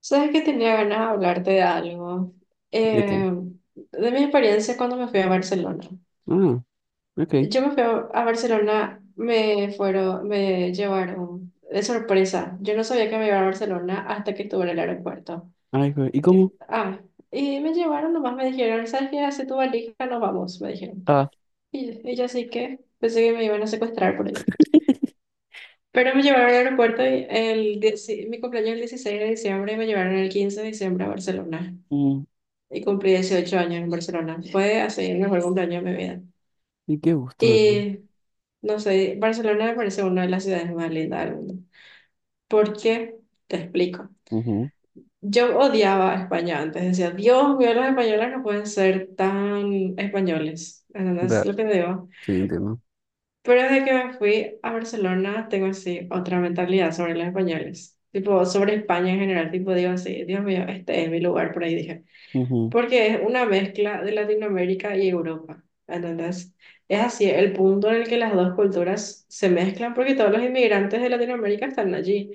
Sabes que tenía ganas de hablarte de algo. ¿De qué? Eh, de mi experiencia cuando me fui a Barcelona. Ah, ok. Yo me fui a Barcelona, me llevaron de sorpresa. Yo no sabía que me iba a Barcelona hasta que estuve en el aeropuerto. Ay, ¿y Tip- cómo? Ah, y me llevaron, nomás me dijeron, ¿sabes qué? Hace tu valija, nos vamos, me dijeron. Ah, Y yo así que pensé que me iban a secuestrar por ahí. Pero me llevaron al aeropuerto y mi cumpleaños es el 16 de diciembre y me llevaron el 15 de diciembre a Barcelona. mm, Y cumplí 18 años en Barcelona. Fue así el mejor cumpleaños de mi vida. ¿y qué gusto? Y no sé, Barcelona me parece una de las ciudades más lindas del mundo. ¿Por qué? Te explico. Ujú. Yo odiaba a España antes. Decía, Dios mío, los españoles no pueden ser tan españoles. ¿Entendés Ra- lo que digo? Sí, entiendo. Pero desde que me fui a Barcelona, tengo así otra mentalidad sobre los españoles. Tipo, sobre España en general. Tipo, digo así, Dios mío, este es mi lugar, por ahí dije. Ujú, Porque es una mezcla de Latinoamérica y Europa. Entonces, es así el punto en el que las dos culturas se mezclan, porque todos los inmigrantes de Latinoamérica están allí.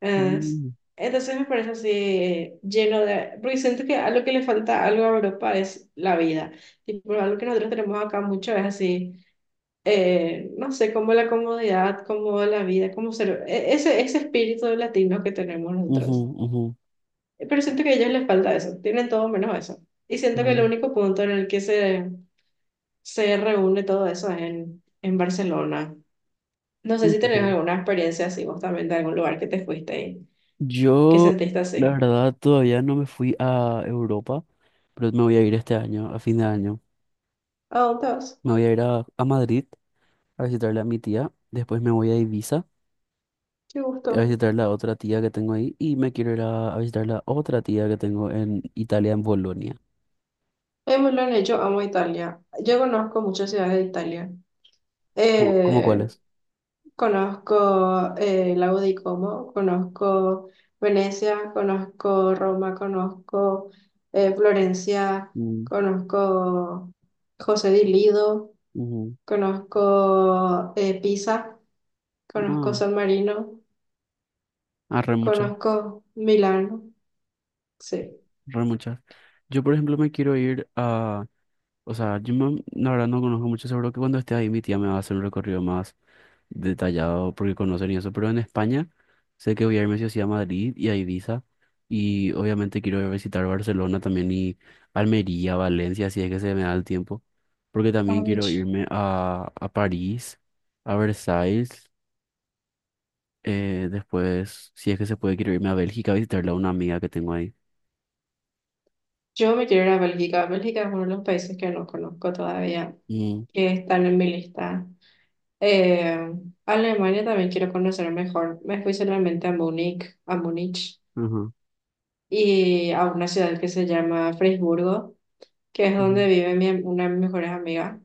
¿Entendés? mm, Entonces, me parece así lleno de... porque siento que algo que le falta algo a Europa es la vida. Tipo, algo que nosotros tenemos acá mucho es así, no sé, como la comodidad, como la vida, como ser, ese espíritu latino que tenemos ujú, nosotros. ujú. Pero siento que a ellos les falta eso, tienen todo menos eso. Y siento No, que el no, único punto en el que se reúne todo eso es en Barcelona. No sé no, si no, tenés no. alguna experiencia así, vos también, de algún lugar que te fuiste y que Yo, sentiste la así. verdad, todavía no me fui a Europa, pero me voy a ir este año, a fin de año. ¿A dónde vas? Me voy a ir a Madrid a visitarle a mi tía. Después me voy a Ibiza Qué a gusto. visitar la otra tía que tengo ahí. Y me quiero ir a visitar la otra tía que tengo en Italia, en Bolonia. Es muy lo han hecho, amo Italia. Yo conozco muchas ciudades de Italia. ¿Cómo, cómo cuál Eh, es? Conozco Lago Como, conozco Venecia, conozco Roma, conozco Florencia, Mm, conozco José di Lido, ujú. conozco Pisa, conozco Ah, San Marino, ah, re muchas, conozco Milán. Sí. re muchas. Yo, por ejemplo, me quiero ir a. O sea, la verdad no conozco mucho, seguro que cuando esté ahí mi tía me va a hacer un recorrido más detallado porque conocen y eso. Pero en España sé que voy a irme sí o sí a Madrid y a Ibiza. Y obviamente quiero ir a visitar Barcelona también y Almería, Valencia, si es que se me da el tiempo. Porque también Ay, quiero ch- irme a París, a Versailles. Eh, después, si es que se puede, quiero irme a Bélgica a visitarle a una amiga que tengo ahí. Yo me quiero ir a Bélgica. Bélgica es uno de los países que no conozco todavía, Mm, que están en mi lista. Eh, Alemania también quiero conocer mejor. Me fui solamente a Múnich ajá. y a una ciudad que se llama Freiburgo, que es donde Ujú. vive mi, una de mis mejores amigas,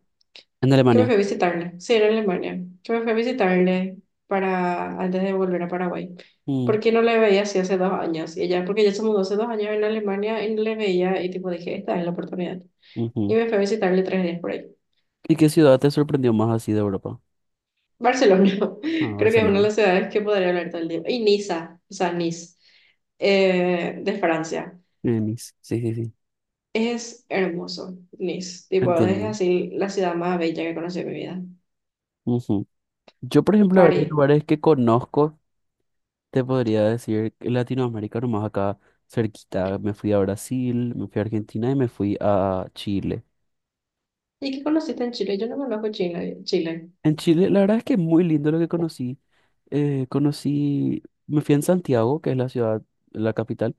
En que me Alemania. fue a visitarle. Sí, era en Alemania. Que me fue a visitarle para, antes de volver a Paraguay. Mm, Porque no le veía así hace 2 años. Y ella, porque ella se mudó hace 2 años en Alemania y no le veía, y tipo dije, esta es la oportunidad. Y ujú. me fue a visitarle 3 días por ahí. ¿Y qué ciudad te sorprendió más así de Europa? Barcelona, Ah, creo que es una de Barcelona. las ciudades que podría hablar todo el día. Y Niza, o sea, Nice, de Francia. Venice. Sí, sí, sí. Es hermoso, Nice. Tipo, es Entiendo. así la ciudad más bella que conocí en mi vida. Ujú. Yo, por ejemplo, a ver, de París. lugares que conozco, te podría decir que Latinoamérica, nomás acá cerquita. Me fui a Brasil, me fui a Argentina y me fui a Chile. ¿Y qué conociste en Chile? Yo no conozco Chile. Chile. En Chile, la verdad es que es muy lindo lo que conocí. Conocí, me fui en Santiago, que es la ciudad, la capital.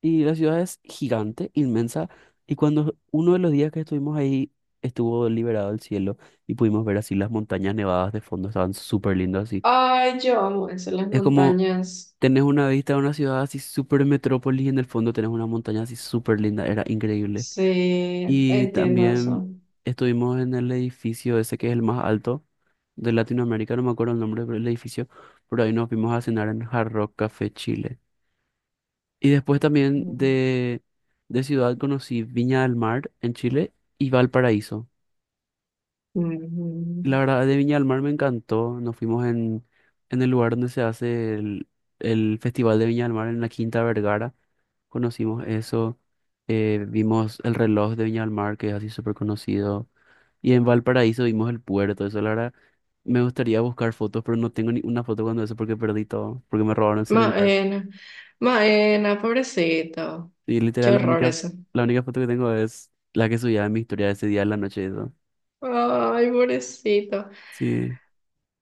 Y la ciudad es gigante, inmensa. Y cuando uno de los días que estuvimos ahí estuvo liberado el cielo y pudimos ver así las montañas nevadas de fondo, estaban súper lindas así. Ay, yo amo eso, las Es como montañas. tenés una vista de una ciudad así súper metrópolis y en el fondo tenés una montaña así súper linda, era increíble. Sí, Y entiendo también eso. estuvimos en el edificio ese que es el más alto de Latinoamérica, no me acuerdo el nombre del edificio, pero ahí nos vimos a cenar en Hard Rock Café Chile. Y después también Mm. De ciudad conocí Viña del Mar en Chile y Valparaíso. Ujú. La verdad, de Viña del Mar me encantó. Nos fuimos en el lugar donde se hace el Festival de Viña del Mar, en la Quinta Vergara. Conocimos eso. Vimos el reloj de Viña del Mar, que es así súper conocido. Y en Valparaíso vimos el puerto. Eso, la verdad, me gustaría buscar fotos, pero no tengo ni una foto cuando eso porque perdí todo, porque me robaron el celular. Maena, Maena, pobrecito. Y Qué literal, horror eso. la única foto que tengo es la que subía en mi historia ese día en la noche. Eso. Ay, pobrecito. Sí,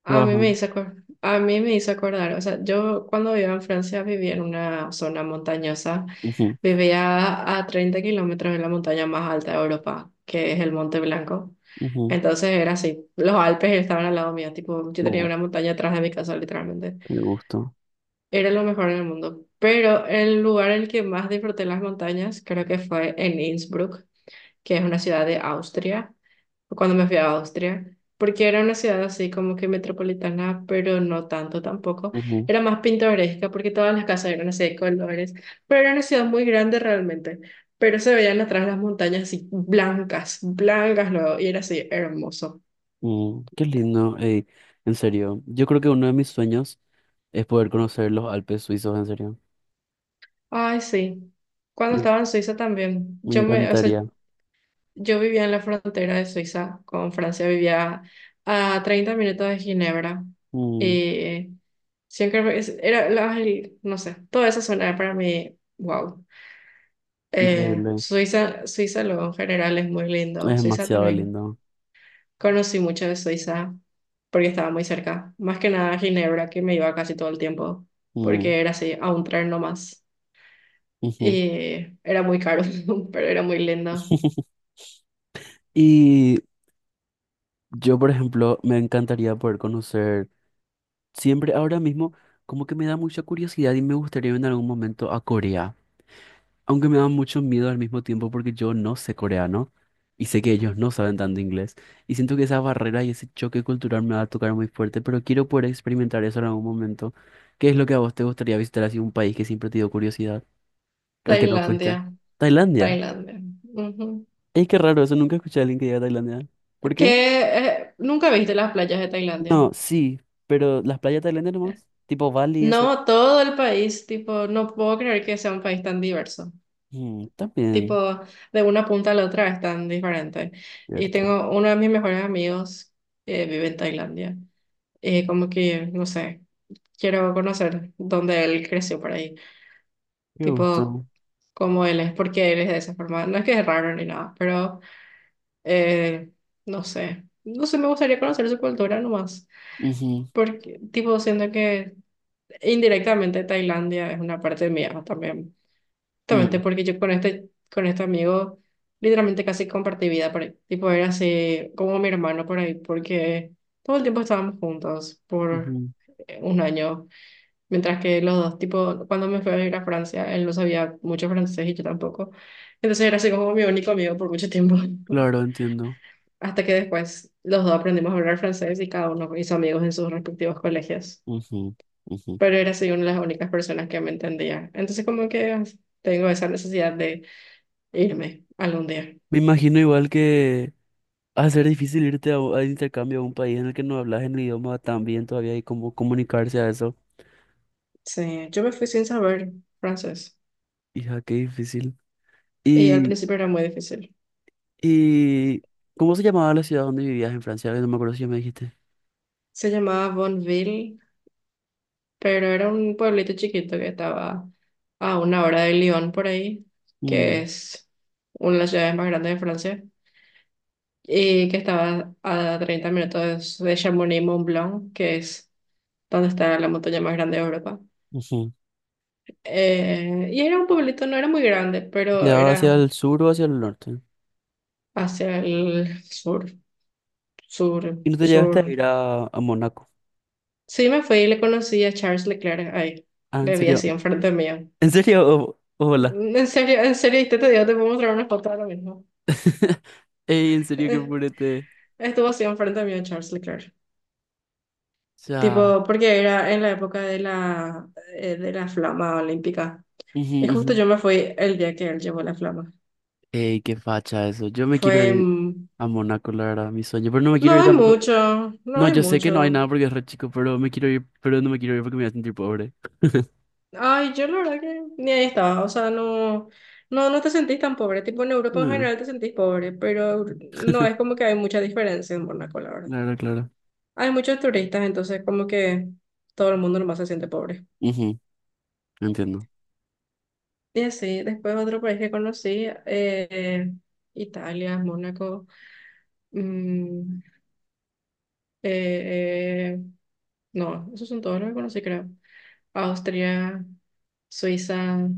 A mí me trabajando. hizo acordar, a mí me hizo acordar, o sea, yo cuando vivía en Francia vivía en una zona montañosa, Ujú, vivía a 30 kilómetros de la montaña más alta de Europa, que es el Monte Blanco. ujú. Entonces era así, los Alpes estaban al lado mío, tipo, yo tenía Uh, una montaña atrás de mi casa, literalmente. qué gusto. Era lo mejor en el mundo. Pero el lugar en el que más disfruté las montañas creo que fue en Innsbruck, que es una ciudad de Austria, cuando me fui a Austria, porque era una ciudad así como que metropolitana, pero no tanto tampoco. Ujú, Era más pintoresca porque todas las casas eran así de colores, pero era una ciudad muy grande realmente. Pero se veían atrás las montañas así blancas, blancas luego, y era así hermoso. mm, qué lindo. Ey, en serio, yo creo que uno de mis sueños es poder conocer los Alpes suizos, en serio. Ay, sí. Cuando Mm, estaba en Suiza también, me o sea, encantaría. yo vivía en la frontera de Suiza con Francia, vivía a 30 minutos de Ginebra. Mm, Y siempre era, no sé, toda esa zona era para mí, wow. Increíble. Suiza, Suiza luego en general es muy Es lindo. Suiza demasiado también. lindo. Conocí mucho de Suiza porque estaba muy cerca. Más que nada Ginebra, que me iba casi todo el tiempo, Mm, porque era así, a un tren nomás. ujú. Y era muy caro, pero era muy lindo. Y yo, por ejemplo, me encantaría poder conocer. Siempre ahora mismo como que me da mucha curiosidad y me gustaría en algún momento a Corea, aunque me da mucho miedo al mismo tiempo porque yo no sé coreano y sé que ellos no saben tanto inglés y siento que esa barrera y ese choque cultural me va a tocar muy fuerte, pero quiero poder experimentar eso en algún momento. ¿Qué es lo que a vos te gustaría visitar así un país que siempre te dio curiosidad, al que no Tailandia, fuiste? Tailandia. Tailandia. Ujú. Es que raro, eso nunca escuché a alguien que diga Tailandia. ¿Por Que qué? Nunca viste las playas de Tailandia. No, sí, pero las playas tailandias nomás, tipo Bali y eso. No, todo el país, tipo, no puedo creer que sea un país tan diverso. Mm, Tipo, también, de una punta a la otra es tan diferente. Y cierto. tengo uno de mis mejores amigos que vive en Tailandia. Como que, no sé, quiero conocer dónde él creció por ahí. Qué Tipo, gusto. cómo él es, por qué él es de esa forma. No es que es raro ni nada, pero eh, no sé. No sé, me gustaría conocer su cultura nomás. Ujú, Porque, tipo, siento que indirectamente Tailandia es una parte mía también. Justamente ujú, porque yo con este amigo literalmente casi compartí vida por ahí. Tipo, era así como mi hermano por ahí, porque todo el tiempo estábamos juntos por ujú. Un año. Mientras que los dos, tipo, cuando me fui a ir a Francia, él no sabía mucho francés y yo tampoco. Entonces era así como mi único amigo por mucho tiempo. Claro, entiendo. Hasta que después los dos aprendimos a hablar francés y cada uno hizo amigos en sus respectivos colegios, Ujú, ujú. pero era soy una de las únicas personas que me entendía. Entonces como que ah, tengo esa necesidad de irme algún día. Me imagino igual que va a ser difícil irte a, intercambio a un país en el que no hablas el idioma tan bien todavía y cómo comunicarse a eso. Sí, yo me fui sin saber francés Hija, qué difícil. y al Y, principio era muy difícil. y, ¿cómo se llamaba la ciudad donde vivías en Francia? Que no me acuerdo si ya me dijiste. Se llamaba Bonneville, pero era un pueblito chiquito que estaba a una hora de Lyon por ahí, que Mm, es una de las ciudades más grandes de Francia, y que estaba a 30 minutos de Chamonix-Mont-Blanc, que es donde está la montaña más grande de Europa. ujú. Y era un pueblito, no era muy grande, pero ¿Quedaba hacia era el sur o hacia el norte? hacia el sur, sur, ¿Y no te llegaste a sur. ir a Mónaco? Sí, me fui y le conocí a Charles Leclerc ahí. Ah, ¿en Le vi serio? así enfrente mío. ¿En serio? Hola. Mm, en serio, en serio, y te digo, te puedo mostrar una foto ahora mismo. Ey, en serio, qué Eh, purete. Estuvo así enfrente mío Charles Leclerc. Sea, Tipo, porque era en la época de la flama olímpica. ujú, Y ujú. justo yo me fui el día que él llevó la flama. Ey, qué facha eso. Yo me quiero Fue... ir mm, a Mónaco, la verdad, mi sueño. Pero no me quiero No ir hay tampoco. mucho, no No, hay yo sé que no hay mucho. nada porque es re chico, pero me quiero ir, pero no me quiero ir porque me voy a sentir pobre. Ay, yo la verdad que ni ahí estaba, o sea, no, no, no te sentís tan pobre, tipo en Europa en Ah, general te sentís pobre, pero no es como que hay mucha diferencia en Mónaco, la verdad. claro, claro. Hay muchos turistas, entonces como que todo el mundo nomás se siente pobre. Ujú, entiendo. Y así, después otro país que conocí, Italia, Mónaco, mm, eh, eh, no, esos son todos los que conocí, creo. Austria, Suiza,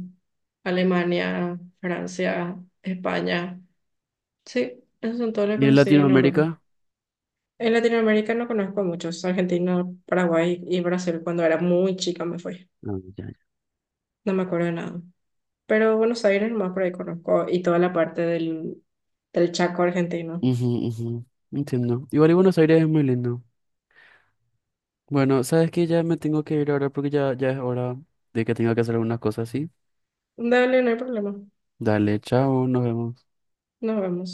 Alemania, Francia, España. Sí, esos son todos los que ¿Y en conocí en Europa. Latinoamérica? En Latinoamérica no conozco a muchos. Argentina, Paraguay y Brasil. Cuando era muy chica me fui. Ah, ya, No me acuerdo de nada. Pero Buenos Aires más por ahí conozco, y toda la parte del Chaco argentino. ya, ujú, ujú. Entiendo. Igual y Buenos Aires es muy lindo. Bueno, sabes que ya me tengo que ir ahora porque ya, ya es hora de que tenga que hacer algunas cosas, ¿sí? Dale, no hay problema. Dale, chao, nos vemos. Nos vemos.